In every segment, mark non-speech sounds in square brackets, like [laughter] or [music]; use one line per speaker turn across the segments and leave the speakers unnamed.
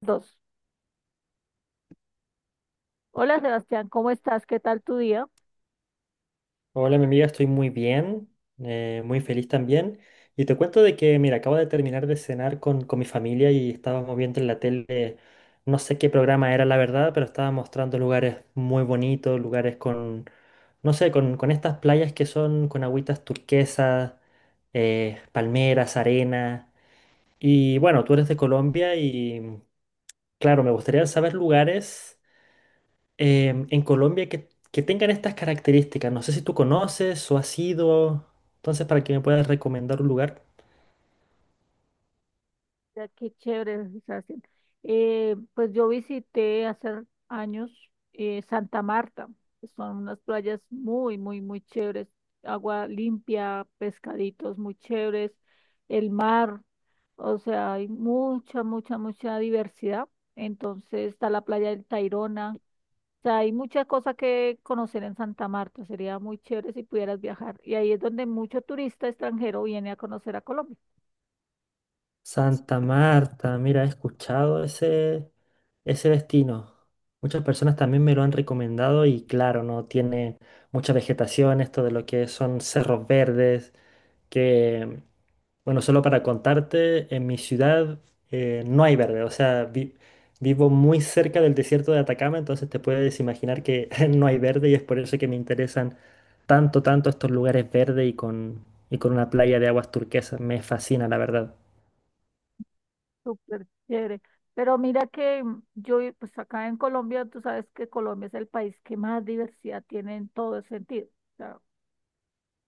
Dos. Hola, Sebastián, ¿cómo estás? ¿Qué tal tu día?
Hola, mi amiga, estoy muy bien, muy feliz también. Y te cuento de que, mira, acabo de terminar de cenar con mi familia y estábamos viendo en la tele, no sé qué programa era la verdad, pero estaba mostrando lugares muy bonitos, lugares con, no sé, con estas playas que son con agüitas turquesas, palmeras, arena. Y bueno, tú eres de Colombia y, claro, me gustaría saber lugares en Colombia que tengan estas características. No sé si tú conoces o has ido. Entonces, para que me puedas recomendar un lugar.
Ya, qué chévere, Sebastián. Pues yo visité hace años Santa Marta. Son unas playas muy chéveres. Agua limpia, pescaditos muy chéveres, el mar. O sea, hay mucha diversidad. Entonces está la playa del Tayrona, sea, hay muchas cosas que conocer en Santa Marta. Sería muy chévere si pudieras viajar. Y ahí es donde mucho turista extranjero viene a conocer a Colombia.
Santa Marta, mira, he escuchado ese destino. Muchas personas también me lo han recomendado y claro, no tiene mucha vegetación, esto de lo que son cerros verdes, que, bueno, solo para contarte, en mi ciudad no hay verde, o sea, vivo muy cerca del desierto de Atacama, entonces te puedes imaginar que [laughs] no hay verde y es por eso que me interesan tanto, tanto estos lugares verdes y con una playa de aguas turquesas. Me fascina, la verdad.
Súper chévere. Pero mira que pues acá en Colombia, tú sabes que Colombia es el país que más diversidad tiene en todo sentido.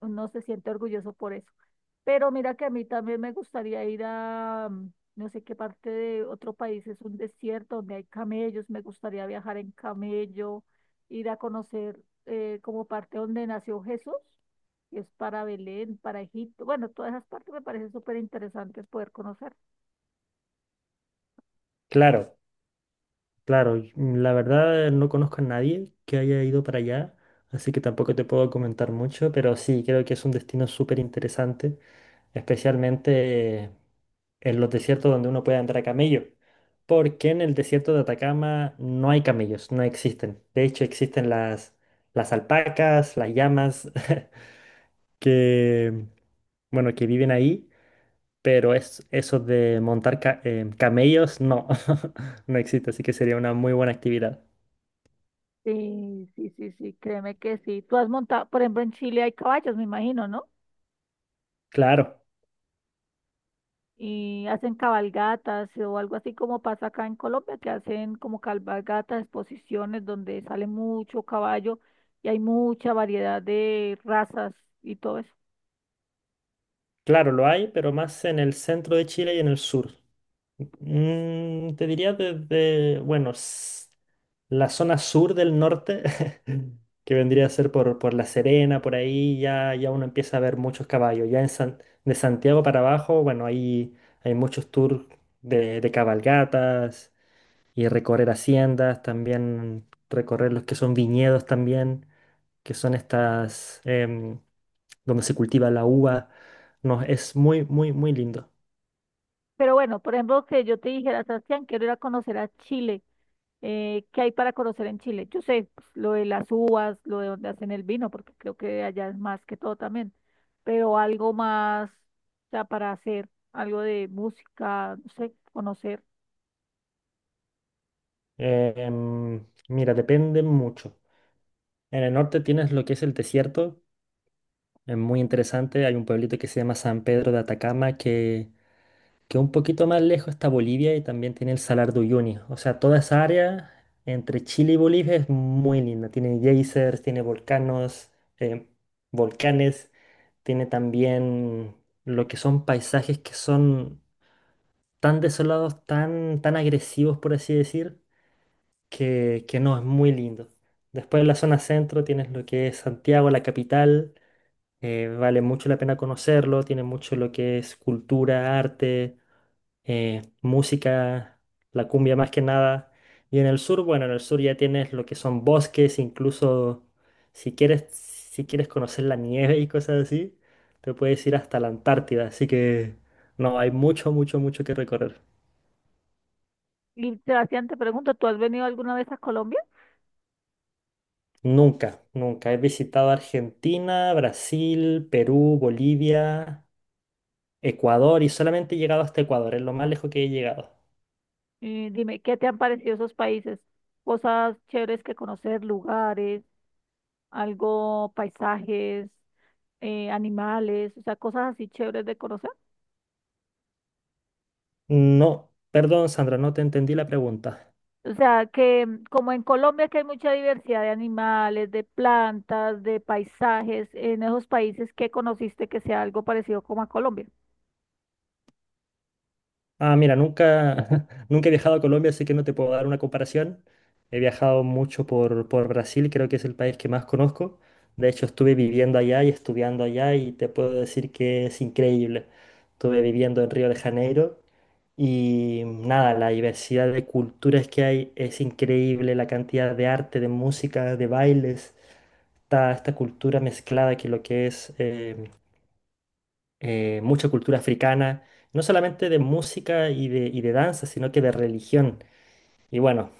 No se siente orgulloso por eso. Pero mira que a mí también me gustaría ir a no sé qué parte de otro país, es un desierto donde hay camellos, me gustaría viajar en camello, ir a conocer como parte donde nació Jesús, que es para Belén, para Egipto. Bueno, todas esas partes me parecen súper interesantes poder conocer.
Claro. Claro, y, la verdad no conozco a nadie que haya ido para allá, así que tampoco te puedo comentar mucho, pero sí, creo que es un destino súper interesante, especialmente en los desiertos donde uno puede andar a camello, porque en el desierto de Atacama no hay camellos, no existen. De hecho, existen las alpacas, las llamas, [laughs] que, bueno, que viven ahí, pero es eso de montar camellos, no, [laughs] no existe, así que sería una muy buena actividad.
Sí, sí, sí, sí, créeme que sí. Tú has montado, por ejemplo, en Chile hay caballos, me imagino, ¿no?
Claro,
Y hacen cabalgatas, o algo así como pasa acá en Colombia, que hacen como cabalgatas, exposiciones donde sale mucho caballo y hay mucha variedad de razas y todo eso.
claro, lo hay, pero más en el centro de Chile y en el sur. Te diría desde, bueno, la zona sur del norte, [laughs] que vendría a ser por La Serena, por ahí ya, ya uno empieza a ver muchos caballos. Ya en de Santiago para abajo, bueno, ahí hay muchos tours de cabalgatas y recorrer haciendas, también recorrer los que son viñedos también, que son estas... em, donde se cultiva la uva. No, es muy, muy, muy lindo.
Pero bueno, por ejemplo, que yo te dijera: Sebastián, quiero ir a conocer a Chile. ¿Qué hay para conocer en Chile? Yo sé, pues, lo de las uvas, lo de donde hacen el vino, porque creo que allá es más que todo también, pero algo más, o sea, para hacer algo de música, no sé, conocer.
Mira, depende mucho. En el norte tienes lo que es el desierto, es muy interesante. Hay un pueblito que se llama San Pedro de Atacama, que un poquito más lejos está Bolivia y también tiene el Salar de Uyuni. O sea, toda esa área entre Chile y Bolivia es muy linda. Tiene geysers, tiene volcanos, em, volcanes, tiene también lo que son paisajes que son tan desolados, tan, tan agresivos, por así decir, que no, es muy lindo. Después en la zona centro tienes lo que es Santiago, la capital, vale mucho la pena conocerlo, tiene mucho lo que es cultura, arte, música, la cumbia más que nada. Y en el sur, bueno, en el sur ya tienes lo que son bosques, incluso si quieres, si quieres conocer la nieve y cosas así, te puedes ir hasta la Antártida, así que no, hay mucho, mucho, mucho que recorrer.
Y Sebastián, te pregunto, ¿tú has venido alguna vez a Colombia?
Nunca, nunca. He visitado Argentina, Brasil, Perú, Bolivia, Ecuador y solamente he llegado hasta Ecuador, es lo más lejos que he llegado.
Y dime, ¿qué te han parecido esos países? Cosas chéveres que conocer, lugares, algo, paisajes, animales, o sea, cosas así chéveres de conocer.
No, perdón, Sandra, no te entendí la pregunta.
O sea, que mm, como en Colombia que hay mucha diversidad de animales, de plantas, de paisajes, en esos países, ¿qué conociste que sea algo parecido como a Colombia?
Ah, mira, nunca, [laughs] nunca he viajado a Colombia, así que no te puedo dar una comparación. He viajado mucho por Brasil, creo que es el país que más conozco. De hecho, estuve viviendo allá y estudiando allá y te puedo decir que es increíble. Estuve viviendo en Río de Janeiro y nada, la diversidad de culturas que hay es increíble, la cantidad de arte, de música, de bailes, está esta cultura mezclada que lo que es mucha cultura africana, no solamente de música y de danza, sino que de religión. Y bueno,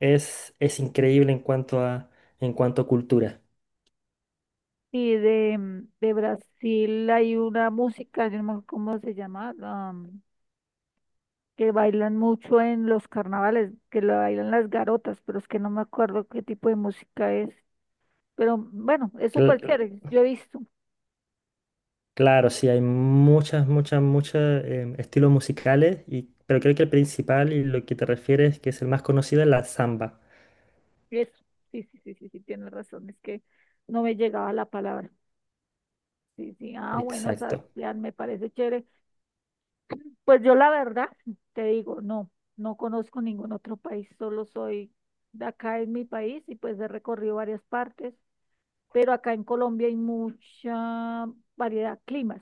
es increíble en cuanto a cultura.
Y de, mm, de Brasil hay una música, yo no me acuerdo cómo se llama, ah, que bailan mucho en los carnavales, que la bailan las garotas, pero es que no me acuerdo qué tipo de música es. Pero bueno, es súper Yo-
Cl-
chévere, yo he visto.
claro, sí, hay muchas, muchas, muchos estilos musicales, y, pero creo que el principal y lo que te refieres, que es el más conocido, es la samba.
Eso, sí, sí, sí, sí, sí, tienes razón, es que no me llegaba la palabra. Sí, sí, ah, bueno,
Exacto.
Sebastián, me parece chévere. Pues yo la verdad, te digo, no, no conozco ningún otro país, solo soy de acá en mi país y pues he recorrido varias partes. Pero acá en Colombia hay mucha variedad de climas.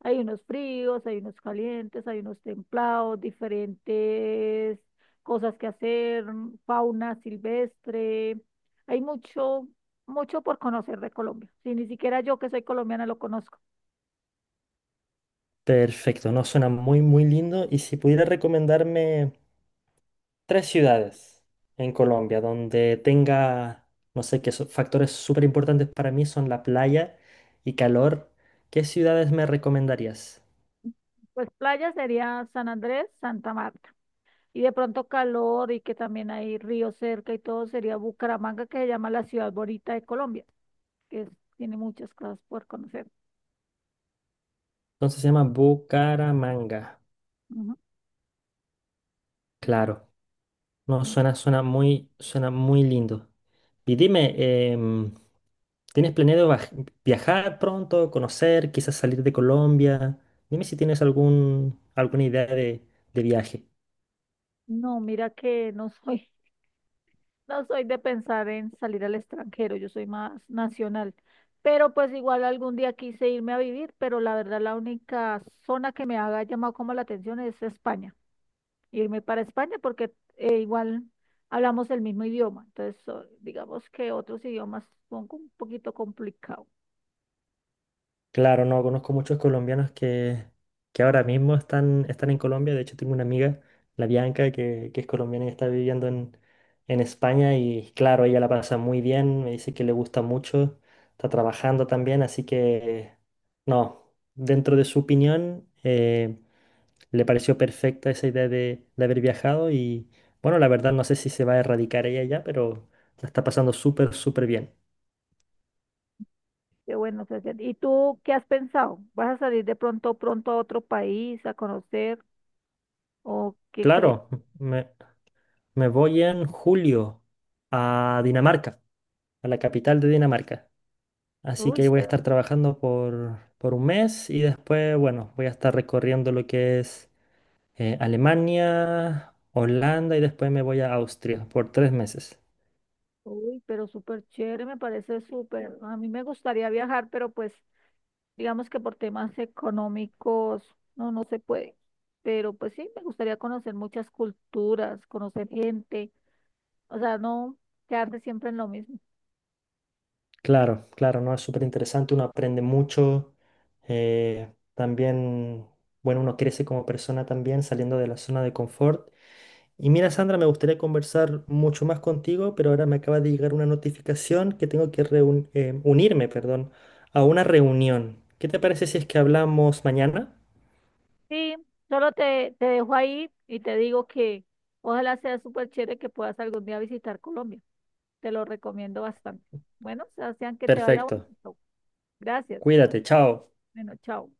Hay unos fríos, hay unos calientes, hay unos templados, diferentes cosas que hacer, fauna silvestre. Hay mucho por conocer de Colombia. Si ni siquiera yo que soy colombiana lo conozco.
Perfecto, no suena muy, muy lindo. Y si pudiera recomendarme tres ciudades en Colombia donde tenga, no sé, qué factores súper importantes para mí son la playa y calor. ¿Qué ciudades me recomendarías?
Pues playa sería San Andrés, Santa Marta. Y de pronto calor y que también hay río cerca y todo sería Bucaramanga, que se llama la ciudad bonita de Colombia, que es- tiene muchas cosas por conocer.
Entonces se llama Bucaramanga.
Ujú.
Claro, no, suena, suena muy lindo. Y dime, em, ¿tienes planeado viajar pronto, conocer, quizás salir de Colombia? Dime si tienes algún, alguna idea de viaje.
No, mira que no soy, [laughs] no soy de pensar en salir al extranjero, yo soy más nacional. Pero pues igual algún día quise irme a vivir, pero la verdad la única zona que me haga llamado como la atención es España. Irme para España porque igual hablamos el mismo idioma. Entonces, so- digamos que otros idiomas son como un poquito complicados.
Claro, no, conozco muchos colombianos que ahora mismo están, están en Colombia. De hecho, tengo una amiga, la Bianca, que es colombiana y está viviendo en España. Y claro, ella la pasa muy bien, me dice que le gusta mucho, está trabajando también. Así que, no, dentro de su opinión, le pareció perfecta esa idea de haber viajado. Y bueno, la verdad, no sé si se va a erradicar ella ya, pero la está pasando súper, súper bien.
Pero bueno, Sebastián, ¿y tú qué has pensado? ¿Vas a salir de pronto pronto a otro país a conocer o qué crees?
Claro, me voy en julio a Dinamarca, a la capital de Dinamarca. Así que ahí
Uy.
voy a estar trabajando por un mes y después, bueno, voy a estar recorriendo lo que es Alemania, Holanda y después me voy a Austria por 3 meses.
Uy, pero súper chévere, me parece súper. A mí me gustaría viajar, pero pues digamos que por temas económicos no, no se puede. Pero pues sí, me gustaría conocer muchas culturas, conocer gente, o sea, no quedarse siempre en lo mismo.
Claro, claro, ¿no? Es súper interesante, uno aprende mucho. eh, también, bueno, uno crece como persona también saliendo de la zona de confort. Y mira, Sandra, me gustaría conversar mucho más contigo, pero ahora me acaba de llegar una notificación que tengo que unirme, perdón, a una reunión. ¿Qué te parece si es que hablamos mañana?
Sí, solo te, te dejo ahí y te digo que ojalá sea súper chévere que puedas algún día visitar Colombia. Te lo recomiendo bastante. Bueno, Sebastián, que te vaya
Perfecto.
bonito. Gracias.
Cuídate, chao.
Bueno, chao.